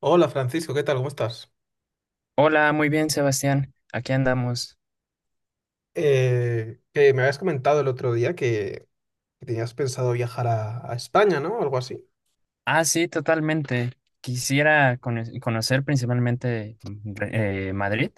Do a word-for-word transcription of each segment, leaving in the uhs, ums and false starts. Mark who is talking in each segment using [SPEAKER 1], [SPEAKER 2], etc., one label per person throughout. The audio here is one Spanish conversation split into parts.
[SPEAKER 1] Hola Francisco, ¿qué tal? ¿Cómo estás?
[SPEAKER 2] Hola, muy bien, Sebastián. Aquí andamos.
[SPEAKER 1] Eh, que me habías comentado el otro día que, que tenías pensado viajar a, a España, ¿no? Algo así.
[SPEAKER 2] Ah, sí, totalmente. Quisiera cono- conocer principalmente mm, re- eh, Madrid.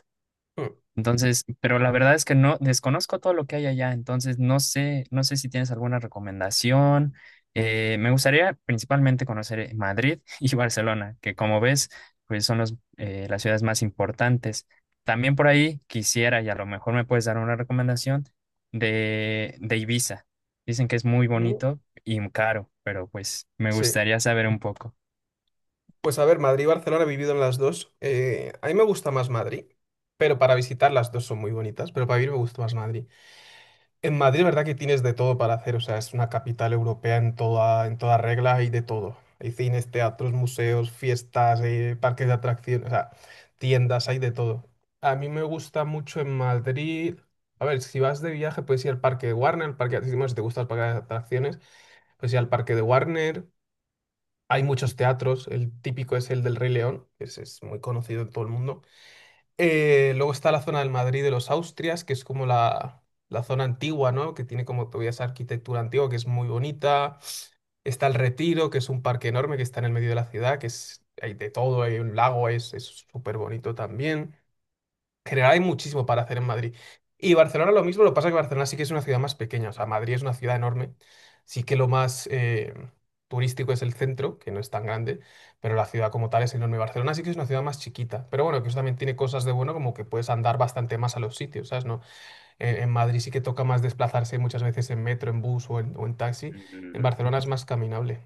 [SPEAKER 1] Mm.
[SPEAKER 2] Entonces, pero la verdad es que no desconozco todo lo que hay allá, entonces no sé, no sé si tienes alguna recomendación. Eh, me gustaría principalmente conocer eh, Madrid y Barcelona, que como ves, pues son los, eh, las ciudades más importantes. También por ahí quisiera, y a lo mejor me puedes dar una recomendación de, de Ibiza. Dicen que es muy
[SPEAKER 1] Mm.
[SPEAKER 2] bonito y caro, pero pues me
[SPEAKER 1] Sí.
[SPEAKER 2] gustaría saber un poco.
[SPEAKER 1] Pues a ver, Madrid y Barcelona he vivido en las dos. Eh, a mí me gusta más Madrid, pero para visitar las dos son muy bonitas, pero para vivir me gusta más Madrid. En Madrid, ¿verdad que tienes de todo para hacer? O sea, es una capital europea en toda, en toda regla, hay de todo. Hay cines, teatros, museos, fiestas, eh, parques de atracciones, o sea, tiendas, hay de todo. A mí me gusta mucho en Madrid. A ver, si vas de viaje, puedes ir al parque de Warner, el parque de atracciones, si te gustan el parque de atracciones, puedes ir al parque de Warner. Hay muchos teatros, el típico es el del Rey León, que ese es muy conocido en todo el mundo. Eh, luego está la zona del Madrid de los Austrias, que es como la, la zona antigua, ¿no? Que tiene como todavía esa arquitectura antigua que es muy bonita. Está el Retiro, que es un parque enorme que está en el medio de la ciudad, que es, hay de todo, hay un lago, es es súper bonito. También general hay muchísimo para hacer en Madrid. Y Barcelona lo mismo, lo que pasa es que Barcelona sí que es una ciudad más pequeña. O sea, Madrid es una ciudad enorme, sí que lo más eh, turístico es el centro, que no es tan grande, pero la ciudad como tal es enorme. Barcelona sí que es una ciudad más chiquita, pero bueno, que eso también tiene cosas de bueno, como que puedes andar bastante más a los sitios, ¿sabes? No, en, en Madrid sí que toca más desplazarse muchas veces en metro, en bus o en, o en taxi, en
[SPEAKER 2] Mm.
[SPEAKER 1] Barcelona es más caminable.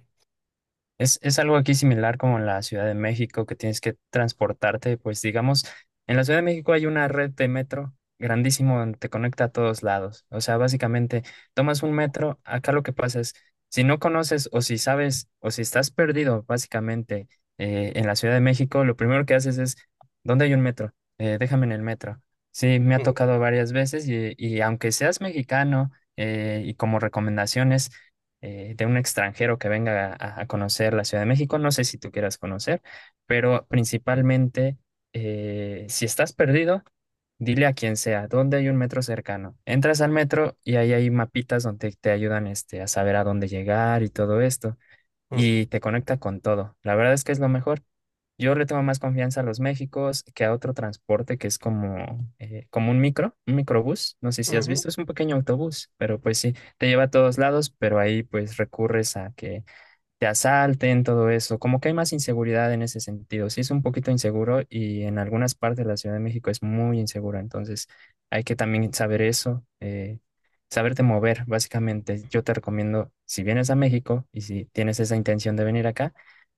[SPEAKER 2] Es, es algo aquí similar como en la Ciudad de México, que tienes que transportarte, pues digamos, en la Ciudad de México hay una red de metro grandísimo donde te conecta a todos lados. O sea, básicamente tomas un metro, acá lo que pasa es, si no conoces o si sabes o si estás perdido, básicamente, eh, en la Ciudad de México, lo primero que haces es, ¿dónde hay un metro? Eh, déjame en el metro. Sí, me ha
[SPEAKER 1] Mm,
[SPEAKER 2] tocado varias veces y, y aunque seas mexicano eh, y como recomendaciones eh, de un extranjero que venga a, a conocer la Ciudad de México. No sé si tú quieras conocer, pero principalmente, eh, si estás perdido, dile a quien sea, ¿dónde hay un metro cercano? Entras al metro y ahí hay mapitas donde te ayudan este, a saber a dónde llegar y todo esto,
[SPEAKER 1] mm,
[SPEAKER 2] y te conecta con todo. La verdad es que es lo mejor. Yo le tomo más confianza a los Méxicos que a otro transporte que es como, eh, como un micro, un microbús. No sé si has
[SPEAKER 1] ujú,
[SPEAKER 2] visto, es un pequeño autobús, pero pues sí, te lleva a todos lados, pero ahí pues recurres a que te asalten, todo eso. Como que hay más inseguridad en ese sentido. Sí es un poquito inseguro y en algunas partes de la Ciudad de México es muy insegura. Entonces hay que también saber eso, eh, saberte mover, básicamente. Yo te recomiendo, si vienes a México y si tienes esa intención de venir acá,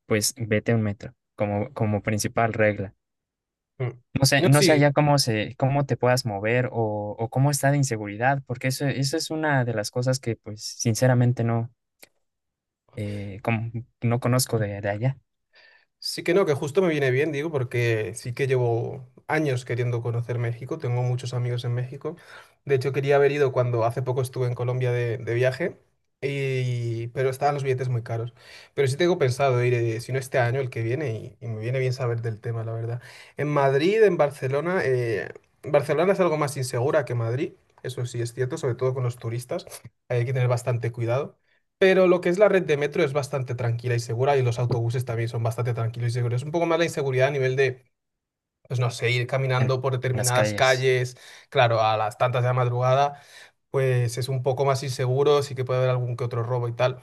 [SPEAKER 2] pues vete a un metro como, como principal regla.
[SPEAKER 1] mm.
[SPEAKER 2] No
[SPEAKER 1] No,
[SPEAKER 2] sé, no sé
[SPEAKER 1] sí.
[SPEAKER 2] allá cómo se, cómo te puedas mover o, o cómo está de inseguridad, porque eso, eso es una de las cosas que, pues, sinceramente no, eh, como- no conozco de de allá.
[SPEAKER 1] Sí que no, que justo me viene bien, digo, porque sí que llevo años queriendo conocer México, tengo muchos amigos en México. De hecho, quería haber ido cuando hace poco estuve en Colombia de, de viaje, y, pero estaban los billetes muy caros. Pero sí tengo pensado ir, eh, si no este año, el que viene, y, y me viene bien saber del tema, la verdad. En Madrid, en Barcelona, eh, Barcelona es algo más insegura que Madrid, eso sí es cierto, sobre todo con los turistas, hay que tener bastante cuidado. Pero lo que es la red de metro es bastante tranquila y segura y los autobuses también son bastante tranquilos y seguros. es Un poco más la inseguridad a nivel de, pues no sé, ir
[SPEAKER 2] En
[SPEAKER 1] caminando por
[SPEAKER 2] las
[SPEAKER 1] determinadas
[SPEAKER 2] calles.
[SPEAKER 1] calles, claro, a las tantas de la madrugada, pues es un poco más inseguro, sí que puede haber algún que otro robo y tal,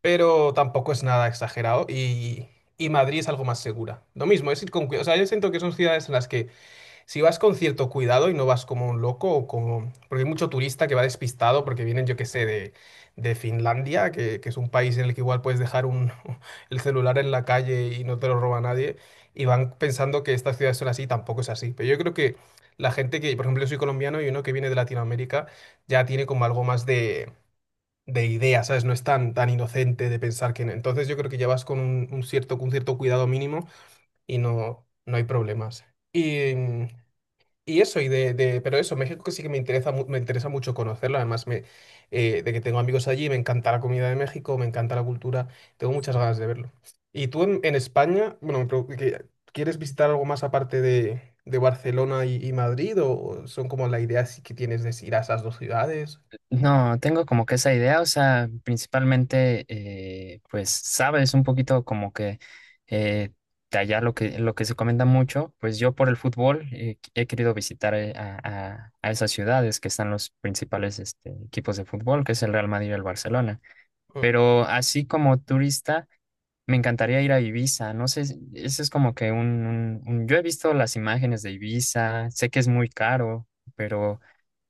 [SPEAKER 1] pero tampoco es nada exagerado, y, y Madrid es algo más segura. Lo mismo, es ir con cuidado. O sea, yo siento que son ciudades en las que si vas con cierto cuidado y no vas como un loco o como... Porque hay mucho turista que va despistado porque vienen, yo qué sé, de, de Finlandia, que, que es un país en el que igual puedes dejar un, el celular en la calle y no te lo roba nadie, y van pensando que estas ciudades son así, y tampoco es así. Pero yo creo que la gente que, por ejemplo, yo soy colombiano y uno que viene de Latinoamérica ya tiene como algo más de, de idea, ¿sabes? No es tan, tan inocente de pensar que... no. Entonces yo creo que ya vas con un, un cierto, un cierto cuidado mínimo y no, no hay problemas. Y mm, y eso, y de, de- pero eso, México que sí que me interesa, mu- me interesa mucho conocerlo, además me, eh, de que tengo amigos allí, me encanta la comida de México, me encanta la cultura, tengo muchas ganas de verlo. Y tú en, en, España, bueno, me pregu- que- ¿quieres visitar algo más aparte de, de Barcelona y, y Madrid, o son como la idea sí que tienes de ir a esas dos ciudades?
[SPEAKER 2] No, tengo como que esa idea, o sea, principalmente, eh, pues, sabes, un poquito como que eh, de allá lo que, lo que se comenta mucho, pues yo por el fútbol eh, qu- he querido visitar eh, a, a- a esas ciudades que están los principales este, equipos de fútbol, que es el Real Madrid y el Barcelona.
[SPEAKER 1] Ah.
[SPEAKER 2] Pero así como turista, me encantaría ir a Ibiza, no sé, si- ese es como que un, un, un- yo he visto las imágenes de Ibiza, sé que es muy caro, pero...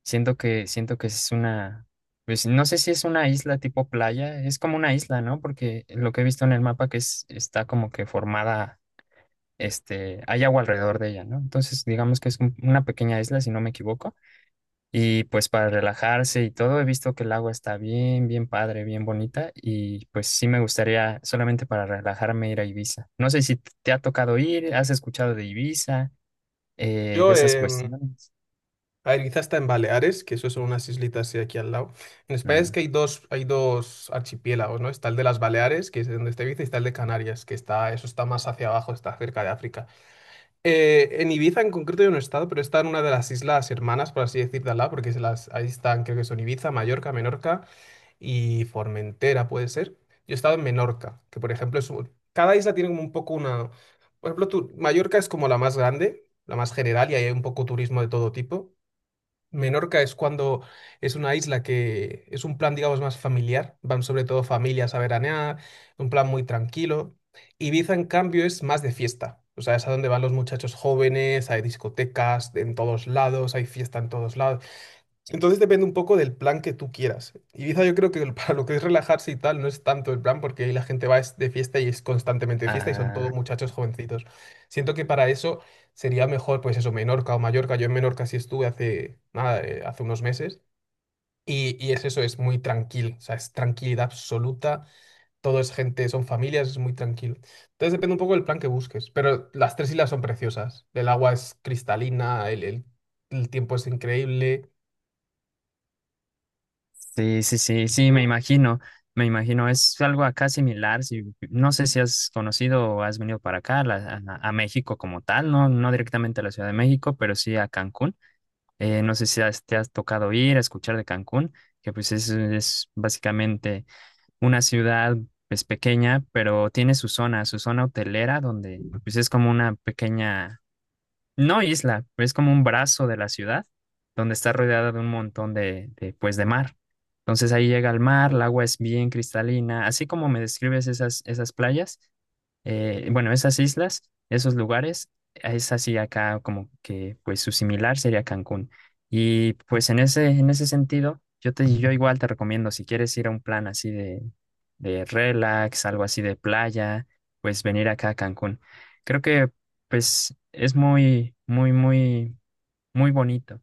[SPEAKER 2] Siento que, siento que es una, pues no sé si es una isla tipo playa, es como una isla, ¿no? Porque lo que he visto en el mapa que es, está como que formada, este, hay agua alrededor de ella, ¿no? Entonces, digamos que es un- una pequeña isla, si no me equivoco. Y pues para relajarse y todo, he visto que el agua está bien, bien padre, bien bonita. Y pues sí me gustaría solamente para relajarme ir a Ibiza. No sé si te ha tocado ir, has escuchado de Ibiza, eh, de
[SPEAKER 1] Yo,
[SPEAKER 2] esas cuestiones.
[SPEAKER 1] A ver, quizás está en Baleares, que eso son unas islitas sí, aquí al lado. En España es
[SPEAKER 2] Mm.
[SPEAKER 1] que hay dos, hay dos archipiélagos, ¿no? Está el de las Baleares, que es donde está Ibiza, y está el de Canarias, que está, eso está más hacia abajo, está cerca de África. Eh, en Ibiza en concreto yo no he estado, pero está en una de las islas hermanas, por así decir, de al lado, porque se las, ahí están, creo que son Ibiza, Mallorca, Menorca y Formentera, puede ser. Yo he estado en Menorca, que por ejemplo es un- cada isla tiene como un poco una... Por ejemplo, tu- Mallorca es como la más grande, la más general, y ahí hay un poco turismo de todo tipo. Menorca es cuando es una isla que es un plan, digamos, más familiar. Van sobre todo familias a veranear, un plan muy tranquilo. Ibiza, en cambio, es más de fiesta. O sea, es a donde van los muchachos jóvenes, hay discotecas en todos lados, hay fiesta en todos lados. Entonces depende un poco del plan que tú quieras. Ibiza yo creo que el- para lo que es relajarse y tal no es tanto el plan, porque ahí la gente va es de fiesta y es constantemente de fiesta y son todos
[SPEAKER 2] Ah,
[SPEAKER 1] muchachos jovencitos. Siento que para eso sería mejor pues eso, Menorca o Mallorca. Yo en Menorca sí estuve hace, nada, eh, hace unos meses, y, y es eso, es muy tranquilo. O sea, es tranquilidad absoluta. Todo es gente, son familias, es muy tranquilo. Entonces depende un poco del plan que busques. Pero las tres islas son preciosas. El agua es cristalina, el, el el tiempo es increíble.
[SPEAKER 2] sí, sí, sí, sí, me imagino, me imagino, es algo acá similar, si, no sé si has conocido o has venido para acá, la- a, a México como tal, no, no directamente a la Ciudad de México, pero sí a Cancún. Eh, no sé si has- te has tocado ir a escuchar de Cancún, que pues es, es básicamente una ciudad pues pequeña, pero tiene su zona, su zona hotelera, donde pues es como una pequeña no isla, es como un brazo de la ciudad donde está rodeada de un montón de, de, pues, de mar. Entonces ahí llega el mar, el agua es bien cristalina, así como me describes esas, esas playas, eh, bueno, esas islas, esos lugares, es así acá como que pues su similar sería Cancún. Y pues en ese, en ese sentido, yo te, yo igual te recomiendo, si quieres ir a un plan así de, de relax, algo así de playa, pues venir acá a Cancún. Creo que pues es muy, muy, muy, muy bonito.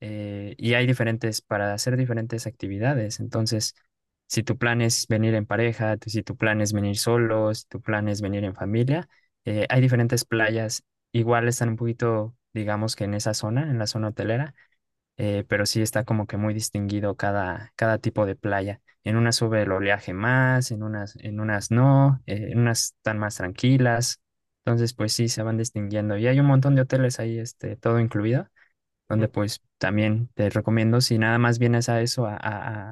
[SPEAKER 2] eh, Y hay diferentes, para hacer diferentes actividades. Entonces, si tu plan es venir en pareja, tu- si tu plan es venir solo, si tu plan es venir en familia, eh, hay diferentes playas. Igual están un poquito, digamos que en esa zona, en la zona hotelera eh, pero sí está como que muy distinguido cada, cada tipo de playa. En unas sube el oleaje más, en unas, en unas no, eh, en unas están más tranquilas. Entonces, pues sí, se van distinguiendo. Y hay un montón de hoteles ahí, este, todo incluido, donde pues también te recomiendo, si nada más vienes a eso, a, a- a-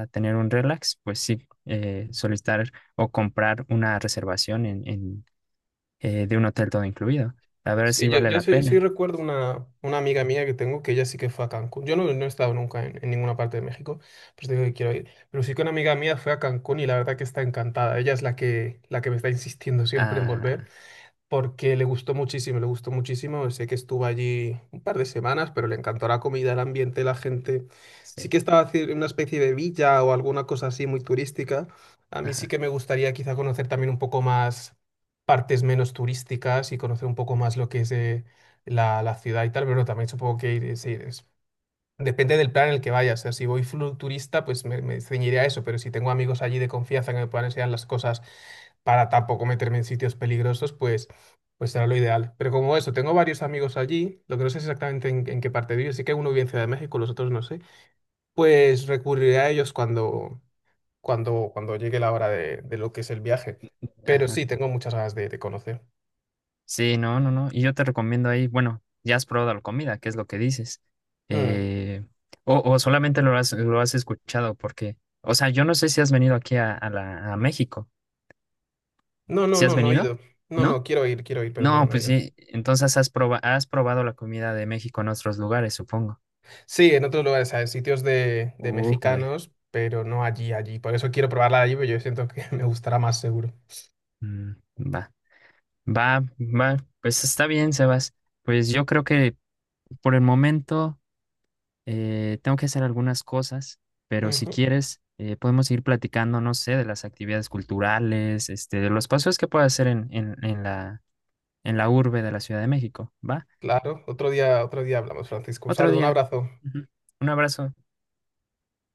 [SPEAKER 2] a- a tener un relax, pues sí, eh, solicitar o comprar una reservación en, en, eh, de un hotel todo incluido. A ver
[SPEAKER 1] Sí,
[SPEAKER 2] si
[SPEAKER 1] yo,
[SPEAKER 2] vale
[SPEAKER 1] yo
[SPEAKER 2] la
[SPEAKER 1] sí, sí,
[SPEAKER 2] pena.
[SPEAKER 1] recuerdo una, una amiga mía que tengo que ella sí que fue a Cancún. Yo no, no he estado nunca en, en ninguna parte de México, pues digo que quiero ir. Pero sí que una amiga mía fue a Cancún y la verdad que está encantada. Ella es la que, la que me está insistiendo siempre en volver
[SPEAKER 2] Ah,
[SPEAKER 1] porque le gustó muchísimo, le gustó muchísimo. Sé que estuvo allí un par de semanas, pero le encantó la comida, el ambiente, la gente. Sí
[SPEAKER 2] sí.
[SPEAKER 1] que estaba haci- en una especie de villa o alguna cosa así muy turística. A mí sí
[SPEAKER 2] Ajá,
[SPEAKER 1] que me gustaría quizá conocer también un poco más partes menos turísticas y conocer un poco más lo que es eh, la, la ciudad y tal, pero bueno, también supongo que ir, eh, sí, depende del plan en el que vaya. O sea, si voy flu- pues me, me ceñiré a eso, pero si tengo amigos allí de confianza que me puedan enseñar las cosas para tampoco meterme en sitios peligrosos, pues, pues, será lo ideal. Pero como eso, tengo varios amigos allí, lo que no sé es exactamente en, en qué parte vive, sí que uno vive en Ciudad de México, los otros no sé, pues recurriré a ellos cuando, cuando, cuando llegue la hora de, de lo que es el viaje. Pero
[SPEAKER 2] ajá.
[SPEAKER 1] sí, tengo muchas ganas de, de conocer.
[SPEAKER 2] Sí, no, no, no. Y yo te recomiendo ahí, bueno, ya has probado la comida, que es lo que dices.
[SPEAKER 1] Mm.
[SPEAKER 2] Eh, o, o solamente lo has, lo has escuchado, porque, o sea, yo no sé si has venido aquí a, a la, a México.
[SPEAKER 1] No, no,
[SPEAKER 2] ¿Si has
[SPEAKER 1] no, no he
[SPEAKER 2] venido?
[SPEAKER 1] ido. No,
[SPEAKER 2] ¿No?
[SPEAKER 1] no, quiero ir, quiero ir, pero no,
[SPEAKER 2] No,
[SPEAKER 1] no he
[SPEAKER 2] pues
[SPEAKER 1] ido.
[SPEAKER 2] sí. Entonces has proba- has probado la comida de México en otros lugares, supongo.
[SPEAKER 1] Sí, en otros lugares, ¿sabes? Sitios de, de
[SPEAKER 2] Újule.
[SPEAKER 1] mexicanos, pero no allí, allí. Por eso quiero probarla allí, pero yo siento que me gustará más seguro.
[SPEAKER 2] Mm, va, va, va. Pues está bien, Sebas. Pues yo creo que por el momento. Eh, tengo que hacer algunas cosas, pero si
[SPEAKER 1] Ujú.
[SPEAKER 2] quieres, eh, podemos ir platicando, no sé, de las actividades culturales, este, de los paseos que puedo hacer en, en, en la, en la urbe de la Ciudad de México. ¿Va?
[SPEAKER 1] Claro, otro día, otro día hablamos, Francisco. Un
[SPEAKER 2] Otro
[SPEAKER 1] saludo, un
[SPEAKER 2] día.
[SPEAKER 1] abrazo.
[SPEAKER 2] Ujú. Un abrazo.